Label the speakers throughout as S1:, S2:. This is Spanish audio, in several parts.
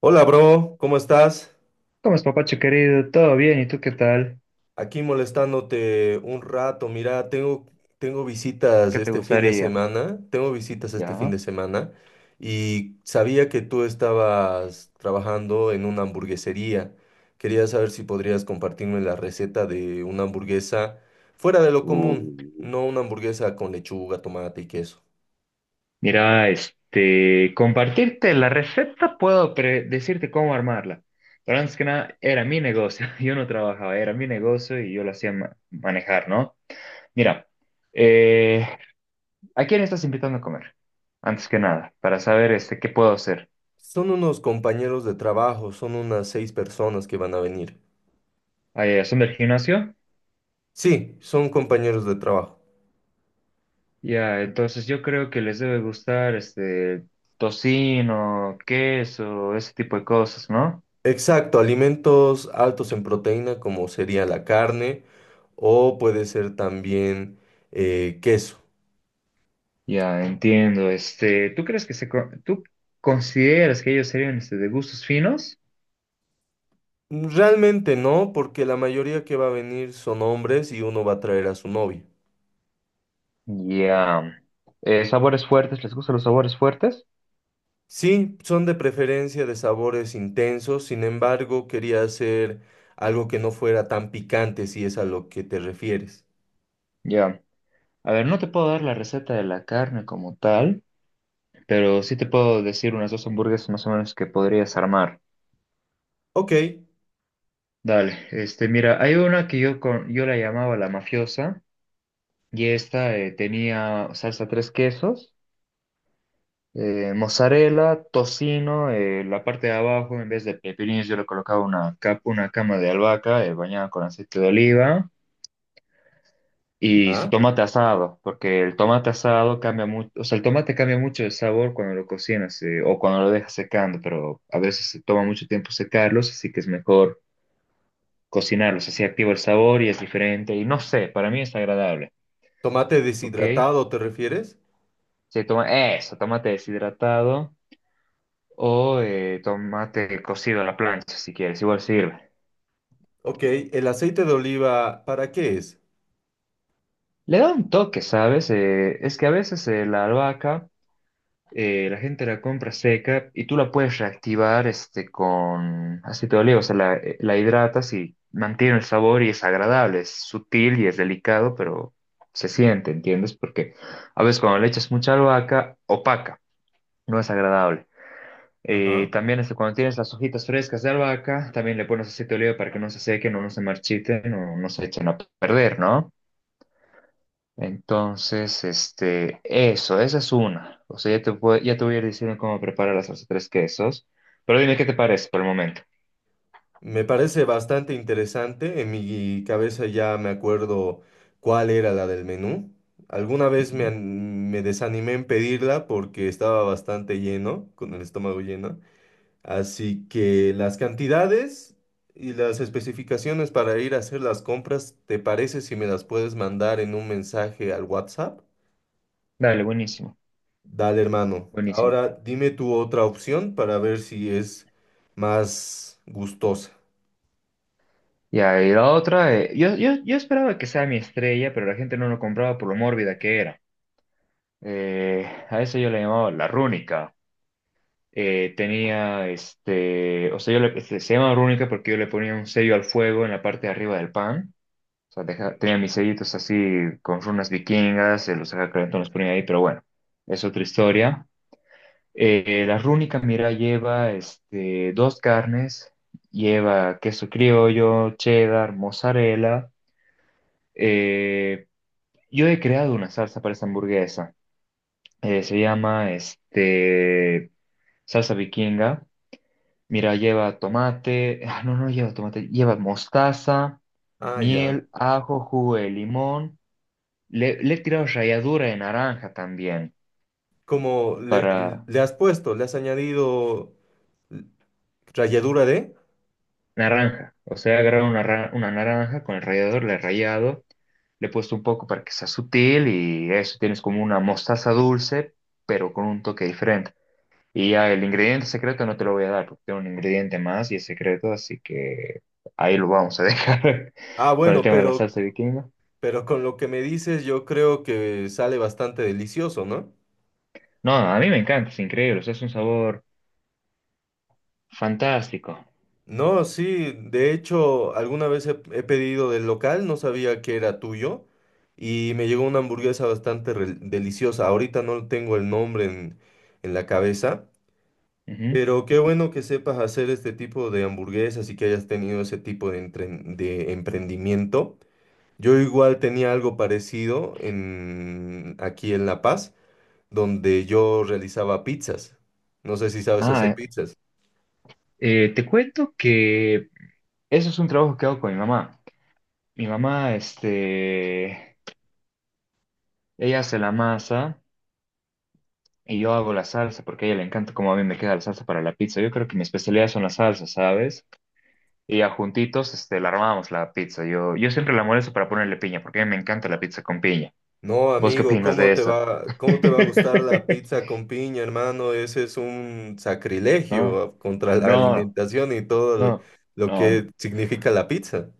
S1: Hola, bro, ¿cómo estás?
S2: ¿Cómo es, papacho querido? ¿Todo bien? ¿Y tú qué tal?
S1: Aquí molestándote un rato. Mira, tengo visitas
S2: ¿Qué te
S1: este fin de
S2: gustaría?
S1: semana. Tengo visitas este fin
S2: Ya.
S1: de semana y sabía que tú estabas trabajando en una hamburguesería. Quería saber si podrías compartirme la receta de una hamburguesa fuera de lo
S2: Uh,
S1: común, no una hamburguesa con lechuga, tomate y queso.
S2: Mira, compartirte la receta, puedo decirte cómo armarla. Pero antes que nada, era mi negocio. Yo no trabajaba, era mi negocio y yo lo hacía manejar, ¿no? Mira, eh, ¿a quién estás invitando a comer? Antes que nada, para saber qué puedo hacer.
S1: Son unos compañeros de trabajo, son unas seis personas que van a venir.
S2: ¿Son del gimnasio?
S1: Sí, son compañeros de trabajo.
S2: Ya, entonces yo creo que les debe gustar este, tocino, queso, ese tipo de cosas, ¿no?
S1: Exacto, alimentos altos en proteína como sería la carne o puede ser también queso.
S2: Ya, entiendo. ¿Tú crees que tú consideras que ellos serían de gustos finos?
S1: Realmente no, porque la mayoría que va a venir son hombres y uno va a traer a su novia.
S2: Ya. Sabores fuertes, ¿les gustan los sabores fuertes?
S1: Sí, son de preferencia de sabores intensos, sin embargo, quería hacer algo que no fuera tan picante si es a lo que te refieres.
S2: Ya. A ver, no te puedo dar la receta de la carne como tal, pero sí te puedo decir unas dos hamburguesas más o menos que podrías armar.
S1: Ok,
S2: Dale, mira, hay una que yo la llamaba la mafiosa. Y esta tenía salsa tres quesos, mozzarella, tocino, la parte de abajo, en vez de pepinillos, yo le colocaba capa, una cama de albahaca bañada con aceite de oliva y su
S1: ya.
S2: tomate asado, porque el tomate asado cambia mucho, o sea, el tomate cambia mucho el sabor cuando lo cocinas o cuando lo dejas secando, pero a veces se toma mucho tiempo secarlos, así que es mejor cocinarlos, así activa el sabor y es diferente y no sé, para mí es agradable,
S1: ¿Tomate
S2: ¿ok?
S1: deshidratado te refieres?
S2: Sí, eso, tomate deshidratado. O tomate cocido a la plancha, si quieres, igual sirve.
S1: Ok, ¿el aceite de oliva para qué es?
S2: Le da un toque, ¿sabes? Es que a veces la albahaca, la gente la compra seca y tú la puedes reactivar con aceite de oliva, o sea, la hidratas y mantiene el sabor y es agradable, es sutil y es delicado, pero se siente, ¿entiendes? Porque a veces cuando le echas mucha albahaca, opaca, no es agradable.
S1: Ajá.
S2: También cuando tienes las hojitas frescas de albahaca, también le pones aceite de oliva para que no se sequen o no se marchiten o no se echen a perder, ¿no? Entonces, eso, esa es una. O sea, ya te voy a ir diciendo cómo preparar las salsa tres quesos, pero dime qué te parece por el momento.
S1: Me parece bastante interesante. En mi cabeza ya me acuerdo cuál era la del menú. Alguna vez
S2: Ujú.
S1: me desanimé en pedirla porque estaba bastante lleno, con el estómago lleno. Así que las cantidades y las especificaciones para ir a hacer las compras, ¿te parece si me las puedes mandar en un mensaje al WhatsApp?
S2: Dale,
S1: Dale, hermano.
S2: buenísimo.
S1: Ahora dime tu otra opción para ver si es más gustosa.
S2: Ya, y la otra, yo esperaba que sea mi estrella, pero la gente no lo compraba por lo mórbida que era. A eso yo le llamaba la rúnica. Tenía este, o sea, yo le, se llama rúnica porque yo le ponía un sello al fuego en la parte de arriba del pan. O sea, tenía mis sellitos así con runas vikingas, los dejaba calentón, los ponía ahí, pero bueno, es otra historia. La rúnica, mira, lleva dos carnes, lleva queso criollo, cheddar, mozzarella. eh, yo he creado una salsa para esa hamburguesa. Se llama salsa vikinga. Mira, lleva tomate, ah, no, no lleva tomate, lleva mostaza,
S1: Ah, ya.
S2: miel, ajo, jugo de limón. Le he tirado ralladura de naranja también,
S1: como le,
S2: para
S1: le has añadido ralladura de.
S2: naranja. O sea, he agarrado una naranja con el rallador, le he rallado, le he puesto un poco para que sea sutil y eso tienes como una mostaza dulce, pero con un toque diferente. Y ya el ingrediente secreto no te lo voy a dar, porque tengo un ingrediente más y es secreto, así que ahí lo vamos a dejar
S1: Ah,
S2: con el
S1: bueno,
S2: tema de la salsa vikinga.
S1: pero con lo que me dices, yo creo que sale bastante delicioso, ¿no?
S2: No, a mí me encanta, es increíble, o sea, es un sabor fantástico.
S1: No, sí, de hecho, alguna vez he pedido del local, no sabía que era tuyo, y me llegó una hamburguesa deliciosa. Ahorita no tengo el nombre en la cabeza,
S2: Ujú.
S1: pero qué bueno que sepas hacer este tipo de hamburguesas y que hayas tenido ese tipo de emprendimiento. Yo igual tenía algo parecido aquí en La Paz, donde yo realizaba pizzas. No sé si sabes hacer
S2: Ah,
S1: pizzas.
S2: te cuento que eso es un trabajo que hago con mi mamá. Mi mamá, ella hace la masa y yo hago la salsa porque a ella le encanta cómo a mí me queda la salsa para la pizza. Yo creo que mi especialidad son las salsas, ¿sabes? Y ya juntitos, la armamos la pizza. Yo siempre la molesto para ponerle piña porque a mí me encanta la pizza con piña.
S1: No,
S2: ¿Vos qué
S1: amigo,
S2: opinas de eso?
S1: ¿cómo te va a gustar la pizza con piña, hermano? Ese es un
S2: No,
S1: sacrilegio contra la
S2: no,
S1: alimentación y todo lo
S2: no.
S1: lo
S2: No,
S1: que significa la pizza.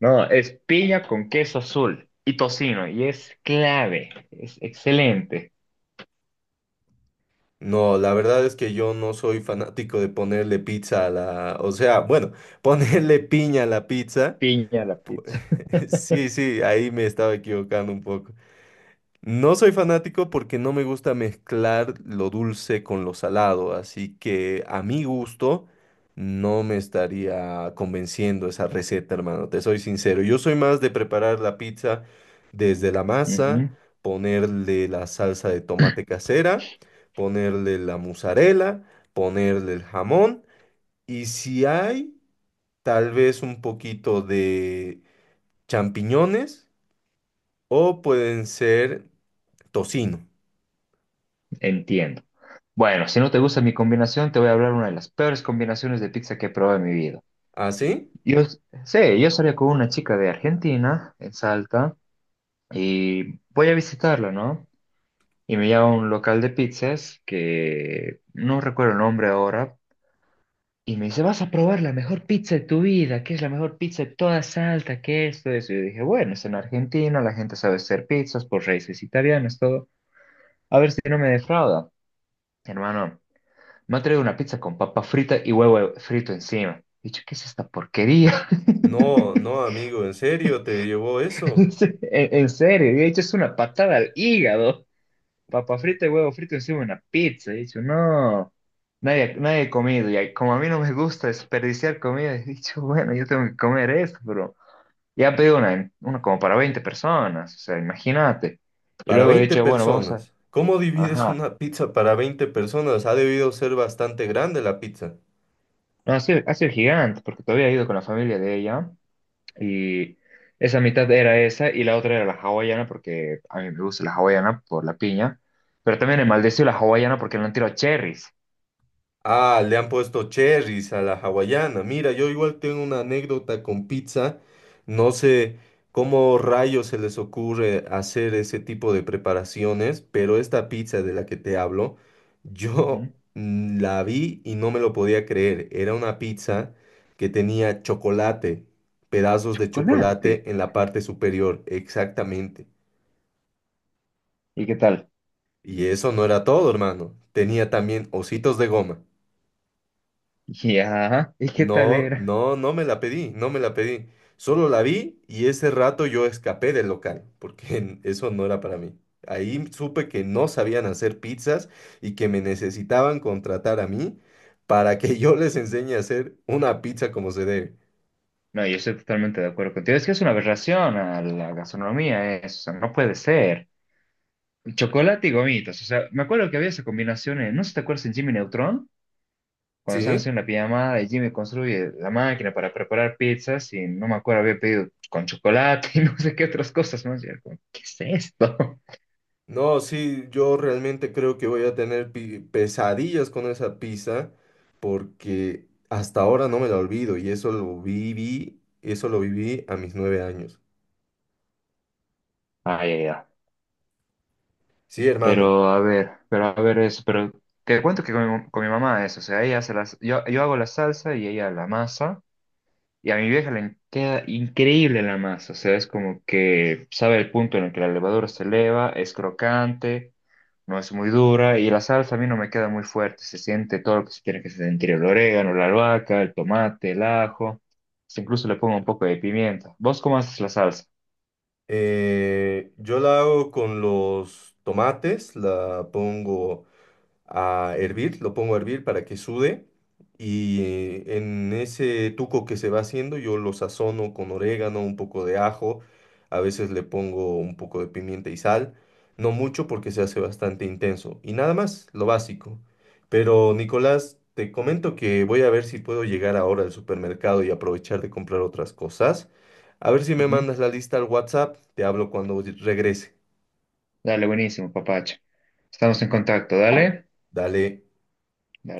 S2: no, es piña con queso azul y tocino, y es clave, es excelente.
S1: No, la verdad es que yo no soy fanático de ponerle pizza a la, o sea, bueno, ponerle piña a la pizza.
S2: Piña a la pizza.
S1: Sí, sí, ahí me estaba equivocando un poco. No soy fanático porque no me gusta mezclar lo dulce con lo salado, así que a mi gusto no me estaría convenciendo esa receta, hermano, te soy sincero. Yo soy más de preparar la pizza desde la masa,
S2: Ujú,
S1: ponerle la salsa de tomate casera, ponerle la mozzarella, ponerle el jamón y si hay, tal vez un poquito de champiñones o pueden ser tocino.
S2: entiendo. Bueno, si no te gusta mi combinación, te voy a hablar una de las peores combinaciones de pizza que he probado en mi vida.
S1: ¿Así?
S2: Sí, yo salía con una chica de Argentina, en Salta, y voy a visitarla, ¿no? Y me lleva a un local de pizzas que no recuerdo el nombre ahora. Y me dice, vas a probar la mejor pizza de tu vida, que es la mejor pizza de toda Salta, que esto, eso. Y yo dije, bueno, es en Argentina, la gente sabe hacer pizzas por raíces italianas, todo. A ver si no me defrauda. Hermano, me ha traído una pizza con papa frita y huevo frito encima. He dicho, ¿qué es esta porquería?
S1: No, no, amigo, ¿en serio te llevó eso?
S2: En serio, he dicho, es una patada al hígado. Papa frita y huevo frito encima de una pizza. He dicho, no, nadie ha comido. Y ahí, como a mí no me gusta desperdiciar comida, he dicho, bueno, yo tengo que comer esto, bro. Ya pedí una como para 20 personas, o sea, imagínate. Y
S1: Para
S2: luego he
S1: 20
S2: dicho, bueno, vamos a...
S1: personas. ¿Cómo divides
S2: Ajá.
S1: una pizza para 20 personas? Ha debido ser bastante grande la pizza.
S2: No, ha sido gigante, porque todavía he ido con la familia de ella y esa mitad era esa y la otra era la hawaiana, porque a mí me gusta la hawaiana por la piña, pero también he maldecido la hawaiana porque le han tirado cherries.
S1: Ah, le han puesto cherries a la hawaiana. Mira, yo igual tengo una anécdota con pizza. No sé cómo rayos se les ocurre hacer ese tipo de preparaciones, pero esta pizza de la que te hablo, yo
S2: Ujú.
S1: mm, la vi y no me lo podía creer. Era una pizza que tenía chocolate, pedazos de
S2: Chocolate.
S1: chocolate en la parte superior, exactamente.
S2: ¿Y qué tal?
S1: Y eso no era todo, hermano. Tenía también ositos de goma.
S2: Ya, ¿y qué tal
S1: No,
S2: era?
S1: no, no me la pedí, no me la pedí. Solo la vi y ese rato yo escapé del local, eso no era para mí. Ahí supe que no sabían hacer pizzas y que me necesitaban contratar a mí para que yo les enseñe a hacer una pizza como se debe.
S2: No, yo estoy totalmente de acuerdo contigo. Es que es una aberración a la gastronomía, eso, no puede ser. Chocolate y gomitas. O sea, me acuerdo que había esa combinación en, no sé si te acuerdas, en Jimmy Neutron, cuando estaban
S1: ¿Sí?
S2: haciendo la pijamada y Jimmy construye la máquina para preparar pizzas y no me acuerdo, había pedido con chocolate y no sé qué otras cosas, ¿no? Y era como, ¿qué es esto?
S1: No, sí, yo realmente creo que voy a tener pesadillas con esa pizza porque hasta ahora no me la olvido y eso lo viví a mis 9 años.
S2: Ay, ay, ay.
S1: Sí, hermano.
S2: Pero a ver eso, pero te cuento que con mi mamá es, o sea, ella hace las, yo hago la salsa y ella la masa y a mi vieja le queda increíble la masa, o sea, es como que sabe el punto en el que la levadura se eleva, es crocante. No es muy dura y la salsa a mí no me queda muy fuerte, se siente todo lo que se tiene que sentir, el orégano, la albahaca, el tomate, el ajo, incluso le pongo un poco de pimienta. ¿Vos cómo haces la salsa?
S1: Yo la hago con los tomates, la pongo a hervir, lo pongo a hervir para que sude y en ese tuco que se va haciendo yo lo sazono con orégano, un poco de ajo, a veces le pongo un poco de pimienta y sal, no mucho porque se hace bastante intenso y nada más, lo básico. Pero Nicolás, te comento que voy a ver si puedo llegar ahora al supermercado y aprovechar de comprar otras cosas. A ver si me
S2: Ujú.
S1: mandas la lista al WhatsApp, te hablo cuando regrese.
S2: Dale, buenísimo, papacho. Estamos en contacto, dale.
S1: Dale.